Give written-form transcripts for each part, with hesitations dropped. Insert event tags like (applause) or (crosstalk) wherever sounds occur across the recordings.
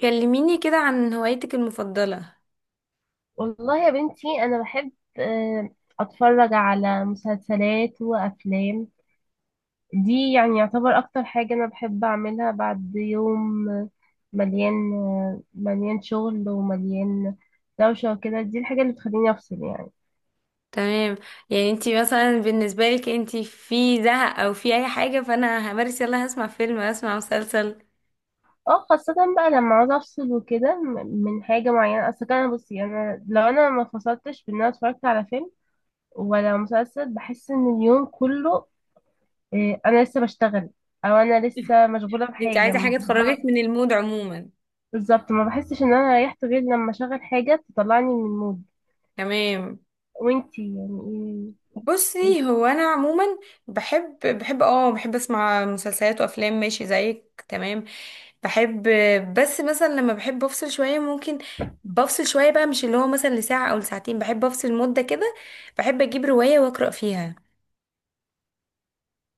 كلميني كده عن هوايتك المفضلة. والله يا بنتي انا بحب آه، اتفرج على مسلسلات وافلام. دي يعني يعتبر اكتر حاجة انا بحب اعملها بعد يوم، مليان شغل ومليان دوشة وكده. دي الحاجة اللي بتخليني افصل يعني. تمام. يعني انتي مثلا بالنسبة لك انتي في زهق او في اي حاجة فانا همارس يلا هسمع فيلم هسمع مسلسل. اه، خاصة بقى لما عاوز افصل وكده من حاجة معينة. اصل كده، بصي، انا لو انا ما فصلتش بان انا اتفرجت على فيلم ولا مسلسل، بحس ان اليوم كله انا لسه بشتغل، او انا لسه مشغوله انتي بحاجه. عايزة حاجة تخرجك من المود عموما؟ بالظبط، ما بحسش ان انا ريحت غير لما اشغل حاجة تطلعني من المود. تمام. وانتي يعني ايه؟ بصي هو انا عموما بحب اسمع مسلسلات وافلام ماشي زيك. تمام، بحب، بس مثلا لما بحب افصل شويه ممكن بفصل شويه بقى، مش اللي هو مثلا لساعه او لساعتين، بحب افصل مده كده، بحب اجيب روايه واقرا فيها.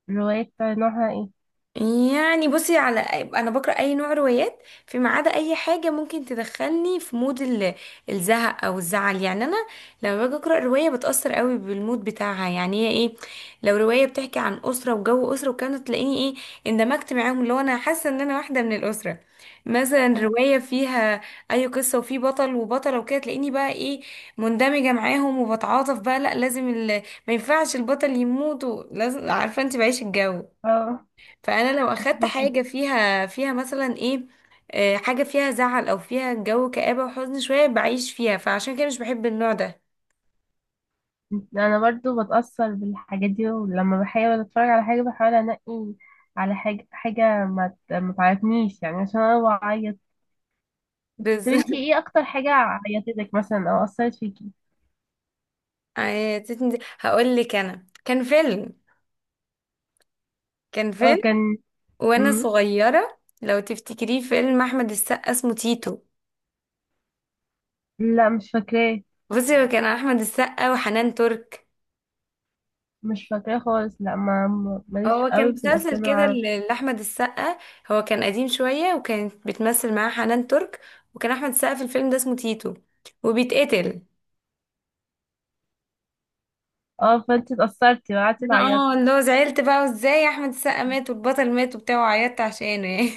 الروايات نوعها ايه؟ يعني بصي، انا بقرا اي نوع روايات فيما عدا اي حاجه ممكن تدخلني في مود الزهق او الزعل. يعني انا لما باجي اقرا روايه بتاثر قوي بالمود بتاعها، يعني هي ايه؟ لو روايه بتحكي عن اسره وجو اسره، وكانت تلاقيني ايه؟ اندمجت معاهم، اللي هو انا حاسه ان انا واحده من الاسره. مثلا روايه فيها اي قصه وفي بطل وبطله وكده، تلاقيني بقى ايه؟ مندمجه معاهم، وبتعاطف بقى، لا لازم ال... ما ينفعش البطل يموت لازم، عارفه انت، بعيش الجو. اه، فانا لو كنت اخدت بفكر. حاجه فيها مثلا ايه، حاجه فيها زعل او فيها جو كآبه وحزن شويه بعيش فيها، فعشان كده مش بحب النوع ده. انا برضو بتأثر بالحاجات دي، ولما بحاول اتفرج على حاجة بحاول انقي على حاجة، حاجة ما ما تعيطنيش يعني عشان انا بعيط. طب انتي بالظبط. ايه اكتر حاجة عيطتك مثلا او اثرت فيكي؟ (laughs) هقول لك، انا كان فيلم، كان اه فيلم كان. وانا مم. صغيره، لو تفتكريه فيلم احمد السقا اسمه تيتو. لا، مش فاكراه. بصي هو كان احمد السقا وحنان ترك، مش فاكراه خالص. لا، ماليش هو كان قوي في مسلسل الافلام كده العربية. لاحمد السقا، هو كان قديم شويه وكانت بتمثل معاه حنان ترك، وكان احمد السقا في الفيلم ده اسمه تيتو، وبيتقتل. اه، فانت اتأثرتي وقعدتي انا تعيطي؟ اه اللي هو زعلت بقى، وازاي احمد السقا مات والبطل مات وبتاع، وعيطت عشانه يعني.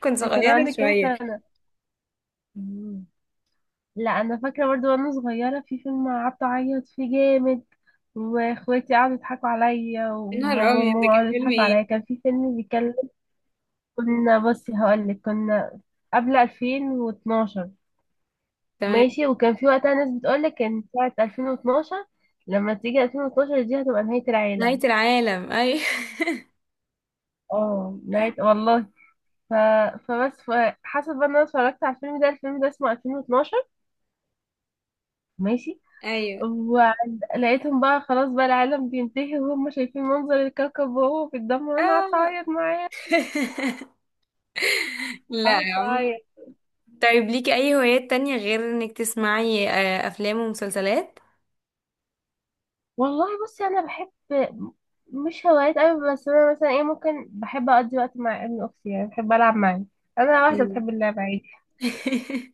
(laughs) كنت كان صغيرة عندك كام شوية. سنة؟ مم. لا، انا فاكرة برضو، وانا صغيرة في فيلم قعدت اعيط فيه جامد، واخواتي قعدوا يضحكوا عليا، يا نهار وبابا ابيض، وماما ده كان قعدوا فيلم يضحكوا عليا. ايه؟ كان في فيلم بيتكلم، كنا، بصي هقولك، كنا قبل 2012، تمام. ماشي، وكان في وقتها ناس بتقولك ان ساعة 2012، لما تيجي 2012 دي هتبقى نهاية نهاية العالم. العالم، ايوه. اه، نهاية، والله. ف... فبس ف... حسب بقى إن انا اتفرجت على الفيلم ده اسمه 2012، ماشي. (laughs) ايوه. ولقيتهم بقى خلاص، بقى العالم بينتهي، وهم شايفين منظر الكوكب وهو في الدم، وانا قعدت اه. اعيط معاه. (laughs) لا قعدت يا عم. اعيط. طيب ليكي اي هوايات تانية غير انك تسمعي افلام ومسلسلات؟ والله بصي، انا بحب، مش هوايات قوي، بس انا مثلا ايه، ممكن بحب اقضي وقت مع ابن اختي يعني، بحب العب معاه. انا واحده بتحب مم. اللعب عادي. (laughs)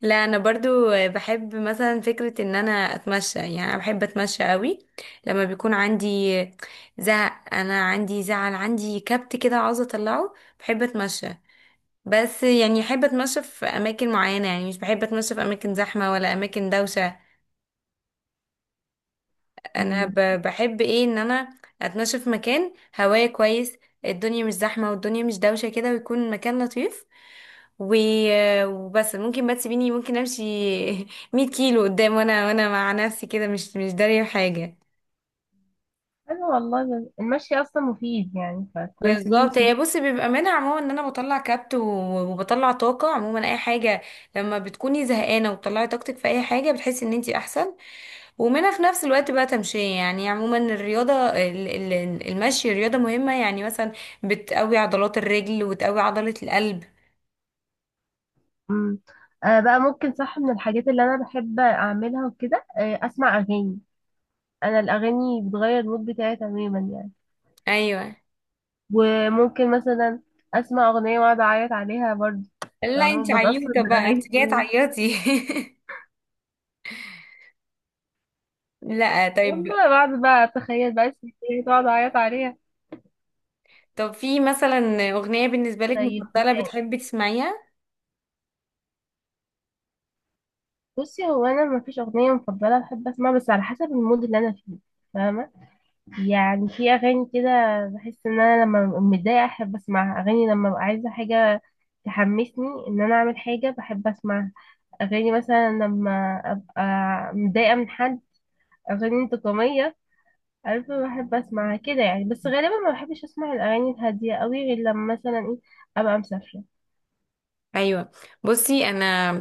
لا انا برضو بحب مثلا فكرة ان انا اتمشى، يعني انا بحب اتمشى قوي. لما بيكون عندي زهق، انا عندي زعل، عندي كبت كده عاوزة اطلعه، بحب اتمشى. بس يعني احب اتمشى في اماكن معينة، يعني مش بحب اتمشى في اماكن زحمة ولا اماكن دوشة. انا أمم. بحب ايه ان انا اتمشى في مكان، هواية كويس، الدنيا مش زحمة والدنيا مش دوشة كده، ويكون مكان لطيف و... وبس. ممكن بقى تسيبيني ممكن امشي (laughs) 100 كيلو قدام، وانا مع نفسي كده مش دارية حاجة. انا والله، المشي اصلا مفيد يعني، فكويس ان بالظبط، انتي. هي بصي بيبقى منها عموما ان انا بطلع كبت وبطلع طاقه، عموما اي حاجه لما بتكوني زهقانه وبتطلعي طاقتك في اي حاجه بتحسي ان انتي احسن. ومنها في نفس الوقت بقى تمشية، يعني عموما الرياضة المشي رياضة مهمة، يعني مثلا بتقوي عضلات الرجل وتقوي عضلة القلب. أمم. آه بقى، ممكن صح، من الحاجات اللي انا بحب اعملها وكده اسمع اغاني. انا الاغاني بتغير المود بتاعي تماما يعني. ايوه. وممكن مثلا اسمع اغنيه واقعد اعيط عليها برضه. لا انت فاهمة؟ بتاثر عيوطة بقى، بالاغاني انت جاية كمان. تعيطي. (laughs) لا طيب. والله بعد بقى، اتخيل بقى الستات تقعد اعيط عليها. طب في مثلا اغنية بالنسبة لك طيب، مفضلة بتحبي تسمعيها؟ بصي هو انا ما فيش اغنيه مفضله بحب اسمعها، بس على حسب المود اللي انا فيه، فاهمه؟ يعني في اغاني كده بحس ان انا لما ببقى متضايقه احب اسمعها. اغاني لما ببقى عايزه حاجه تحمسني ان انا اعمل حاجه بحب اسمعها. اغاني مثلا لما ابقى متضايقه من حد، اغاني انتقاميه، عارفة؟ بحب اسمعها كده يعني. بس غالبا ما بحبش اسمع الاغاني الهادية قوي، غير لما مثلا ايه، ابقى مسافرة. ايوه. بصي انا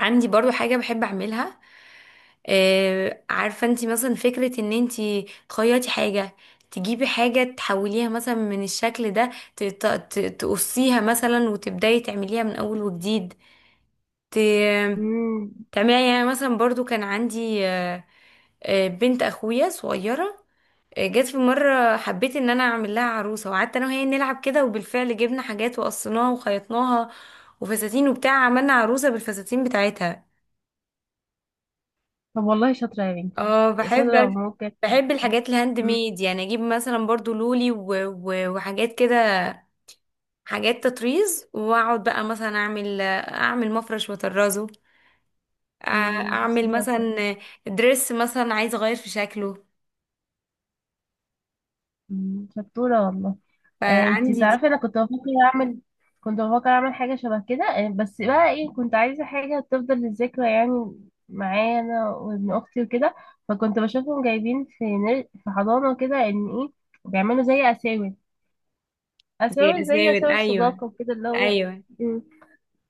عندي برضو حاجة بحب أعملها، عارفة انتي مثلا فكرة ان انتي تخيطي حاجة، تجيبي حاجة تحوليها مثلا من الشكل ده، تقصيها مثلا وتبدأي تعمليها من أول وجديد، ت- امم. تعمليها. يعني مثلا برضو كان عندي بنت أخويا صغيرة، جت في مرة، حبيت ان انا اعمل لها عروسة، وقعدت انا وهي نلعب كده، وبالفعل جبنا حاجات وقصيناها وخيطناها وفساتين وبتاع، عملنا عروسة بالفساتين بتاعتها. طب والله شاطرة يا بنتي. اه شاطرة بحب، وممكن. بحب الحاجات الهاند امم. ميد، يعني اجيب مثلا برضو لولي و... و... وحاجات كده، حاجات تطريز، واقعد بقى مثلا اعمل مفرش واطرزه، أ- أمم، بس اعمل شاطرة. مثلا دريس مثلا عايزه اغير في شكله. أمم، شطورة والله. انتي فعندي دي تعرفي، انا كنت بفكر اعمل، حاجة شبه كده. بس بقى ايه، كنت عايزة حاجة تفضل للذكرى يعني، معايا انا وابن اختي وكده. فكنت بشوفهم جايبين في في حضانة كده، ان ايه، بيعملوا زي اساور، زي اساور، زي اساور، اساور ايوه. صداقة وكده، اللي هو. ايوه. مم.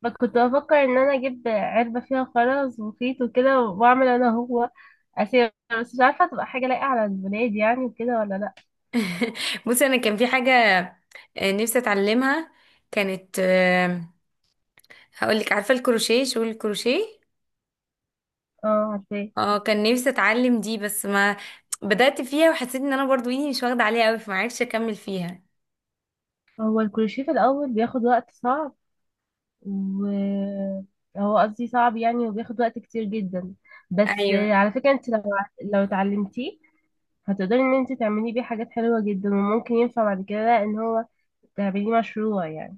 ما كنت بفكر ان انا اجيب علبة فيها خرز وخيط وكده، واعمل انا هو اساور، بس مش عارفة تبقى حاجة لايقة على البنات يعني، وكده ولا لا. (laughs) بصي انا كان في حاجه نفسي اتعلمها، كانت، هقول لك، عارفه الكروشيه؟ شغل الكروشيه، اه، عارفاه. اه، كان نفسي اتعلم دي، بس ما بدأت فيها، وحسيت ان انا برضو ايدي مش واخدة عليها قوي، فما عرفتش اكمل فيها. هو الكروشيه في الاول بياخد وقت، صعب، و، هو قصدي صعب يعني، وبياخد وقت كتير جدا. بس ايوه. على فكرة انت لو اتعلمتيه هتقدري ان انت تعمليه بيه حاجات حلوة جدا، وممكن ينفع بعد كده ان هو تعمليه مشروع يعني.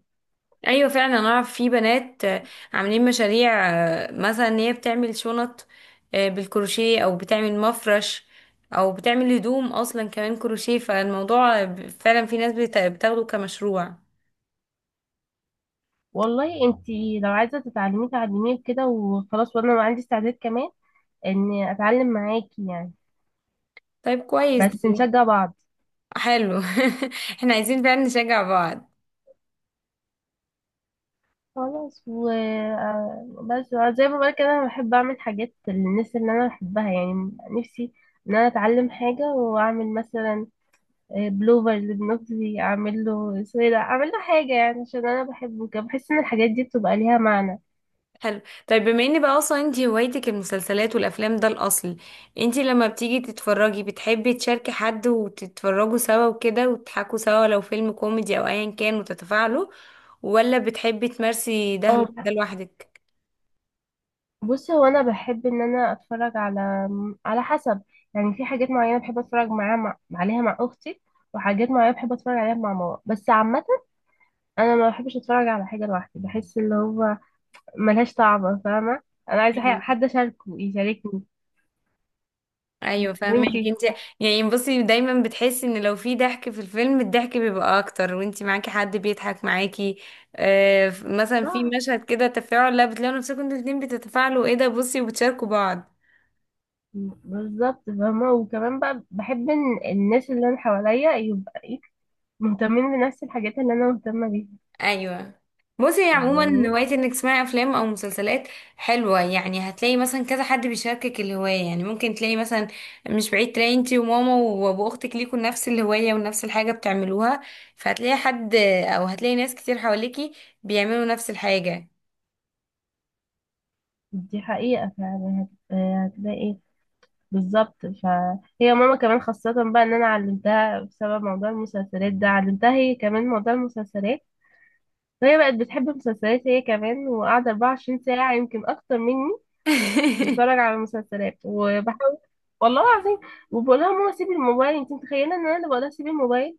ايوه فعلا، انا اعرف في بنات عاملين مشاريع، مثلا ان هي بتعمل شنط بالكروشيه، او بتعمل مفرش، او بتعمل هدوم اصلا كمان كروشيه، فالموضوع فعلا في ناس بتاخده كمشروع. والله انت لو عايزه تتعلمي، تعلميه كده وخلاص، وانا عندي استعداد كمان اني اتعلم معاكي يعني، طيب كويس بس دي. نشجع بعض. حلو. (laughs) احنا عايزين فعلا نشجع بعض. خلاص، و بس، زي ما بقولك كده، انا بحب اعمل حاجات للناس اللي انا بحبها يعني. نفسي ان انا اتعلم حاجه واعمل مثلا بلوفر لبنوتي، اعمل له سويدة، اعمل له حاجه يعني عشان انا بحبه كده، بحس ان الحاجات دي بتبقى ليها معنى. حلو. طيب بما ان بقى اصلا انتي هوايتك المسلسلات والافلام ده الاصل، انتي لما بتيجي تتفرجي بتحبي تشاركي حد وتتفرجوا سوا وكده وتضحكوا سوا لو فيلم كوميدي او ايا كان وتتفاعلوا، ولا بتحبي تمارسي اه، ده لوحدك؟ بصي هو انا بحب ان انا اتفرج على، على حسب يعني. في حاجات معينه بحب اتفرج معاها عليها مع اختي، وحاجات معينه بحب اتفرج عليها مع ماما. بس عامه، انا ما بحبش اتفرج على حاجه لوحدي، بحس اللي هو ملهاش طعم، فاهمه؟ انا عايزه مم. حد اشاركه يشاركني. ايوه فاهمك وانتي؟ انتي. يعني بصي دايما بتحسي ان لو في ضحك في الفيلم الضحك بيبقى اكتر وانتي معاكي حد بيضحك معاكي. آه مثلا في صح، مشهد كده تفاعل، لا بتلاقوا نفسكم انتوا الاتنين بتتفاعلوا ايه ده بصي، وبتشاركوا بعض. بالظبط، فاهمه. وكمان بقى، بحب ان الناس اللي انا حواليا يبقى إيه؟ مهتمين بنفس الحاجات اللي انا مهتمه بيها ايوه. بصي هي عموما يعني. هوايه انك تسمعي افلام او مسلسلات حلوه، يعني هتلاقي مثلا كذا حد بيشاركك الهوايه، يعني ممكن تلاقي مثلا، مش بعيد، تلاقي انتي وماما وابو اختك ليكوا نفس الهوايه ونفس الحاجه بتعملوها، فهتلاقي حد، او هتلاقي ناس كتير حواليكي بيعملوا نفس الحاجه. دي حقيقه فعلا، هتلاقي، بالظبط. فهي ماما كمان، خاصة بقى ان انا علمتها بسبب موضوع المسلسلات ده، علمتها هي كمان موضوع المسلسلات، فهي بقت بتحب المسلسلات هي كمان، وقاعدة 24 ساعة، يمكن اكتر مني، تتفرج (laughs) على المسلسلات. وبحاول، والله العظيم، وبقولها ماما سيبي الموبايل. انت متخيلة ان انا اللي بقولها سيبي الموبايل؟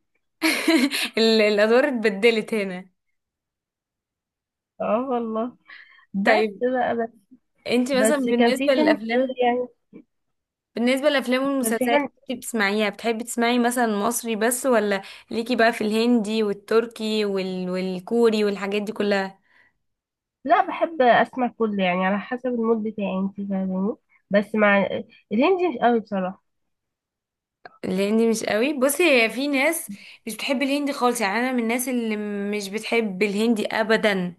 الادوار اتبدلت هنا. اه والله. بس طيب بقى، بس، انتي مثلا بس كان في بالنسبه فيلم حلو للافلام، يعني. بالنسبة للأفلام كان في والمسلسلات حلم. اللي انتي بتسمعيها بتحبي تسمعي مثلا مصري بس، ولا ليكي بقى في الهندي والتركي وال... والكوري والحاجات دي كلها؟ لا، بحب اسمع كله يعني على حسب المود بتاعي، انت فاهماني؟ بس مع الهندي مش قوي بصراحة. الهندي مش قوي. بصي هي في ناس مش بتحب الهندي خالص، يعني انا من الناس اللي مش بتحب الهندي ابدا،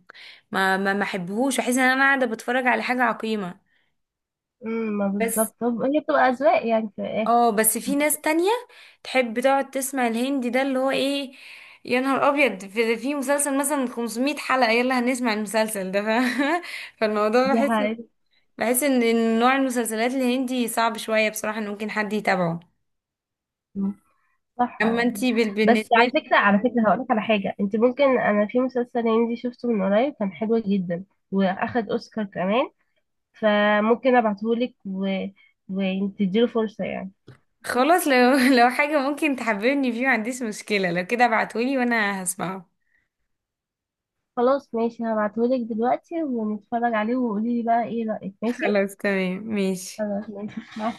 ما احبهوش، بحس ان انا قاعده بتفرج على حاجه عقيمه. امم. ما بس بالظبط، هي بتبقى أذواق يعني في الآخر. اه، بس في ناس تانية تحب تقعد تسمع الهندي، ده اللي هو ايه، يا نهار ابيض، في مسلسل مثلا 500 حلقة يلا هنسمع المسلسل ده ف... (laughs) فالموضوع دي بحس حقيقة. بحس ان نوع المسلسلات الهندي صعب شوية بصراحة ان ممكن حد يتابعه. أمم، صح اما والله. انتي بس بالنسبة على لي، فكرة على فكرة هقولك على حاجة. انت ممكن، انا في مسلسل هندي شفته من قريب كان حلو جدا، واخد اوسكار كمان، فممكن ابعتهولك وتديله فرصة يعني. خلاص، لو (laughs) لو حاجة ممكن تحببني فيه ما عنديش مشكلة، لو كده ابعتولي وانا هسمعه. خلاص ماشي، هبعتهولك دلوقتي، ونتفرج عليه، وقولي لي بقى ايه رأيك، ماشي. خلاص تمام ماشي. خلاص ماشي مع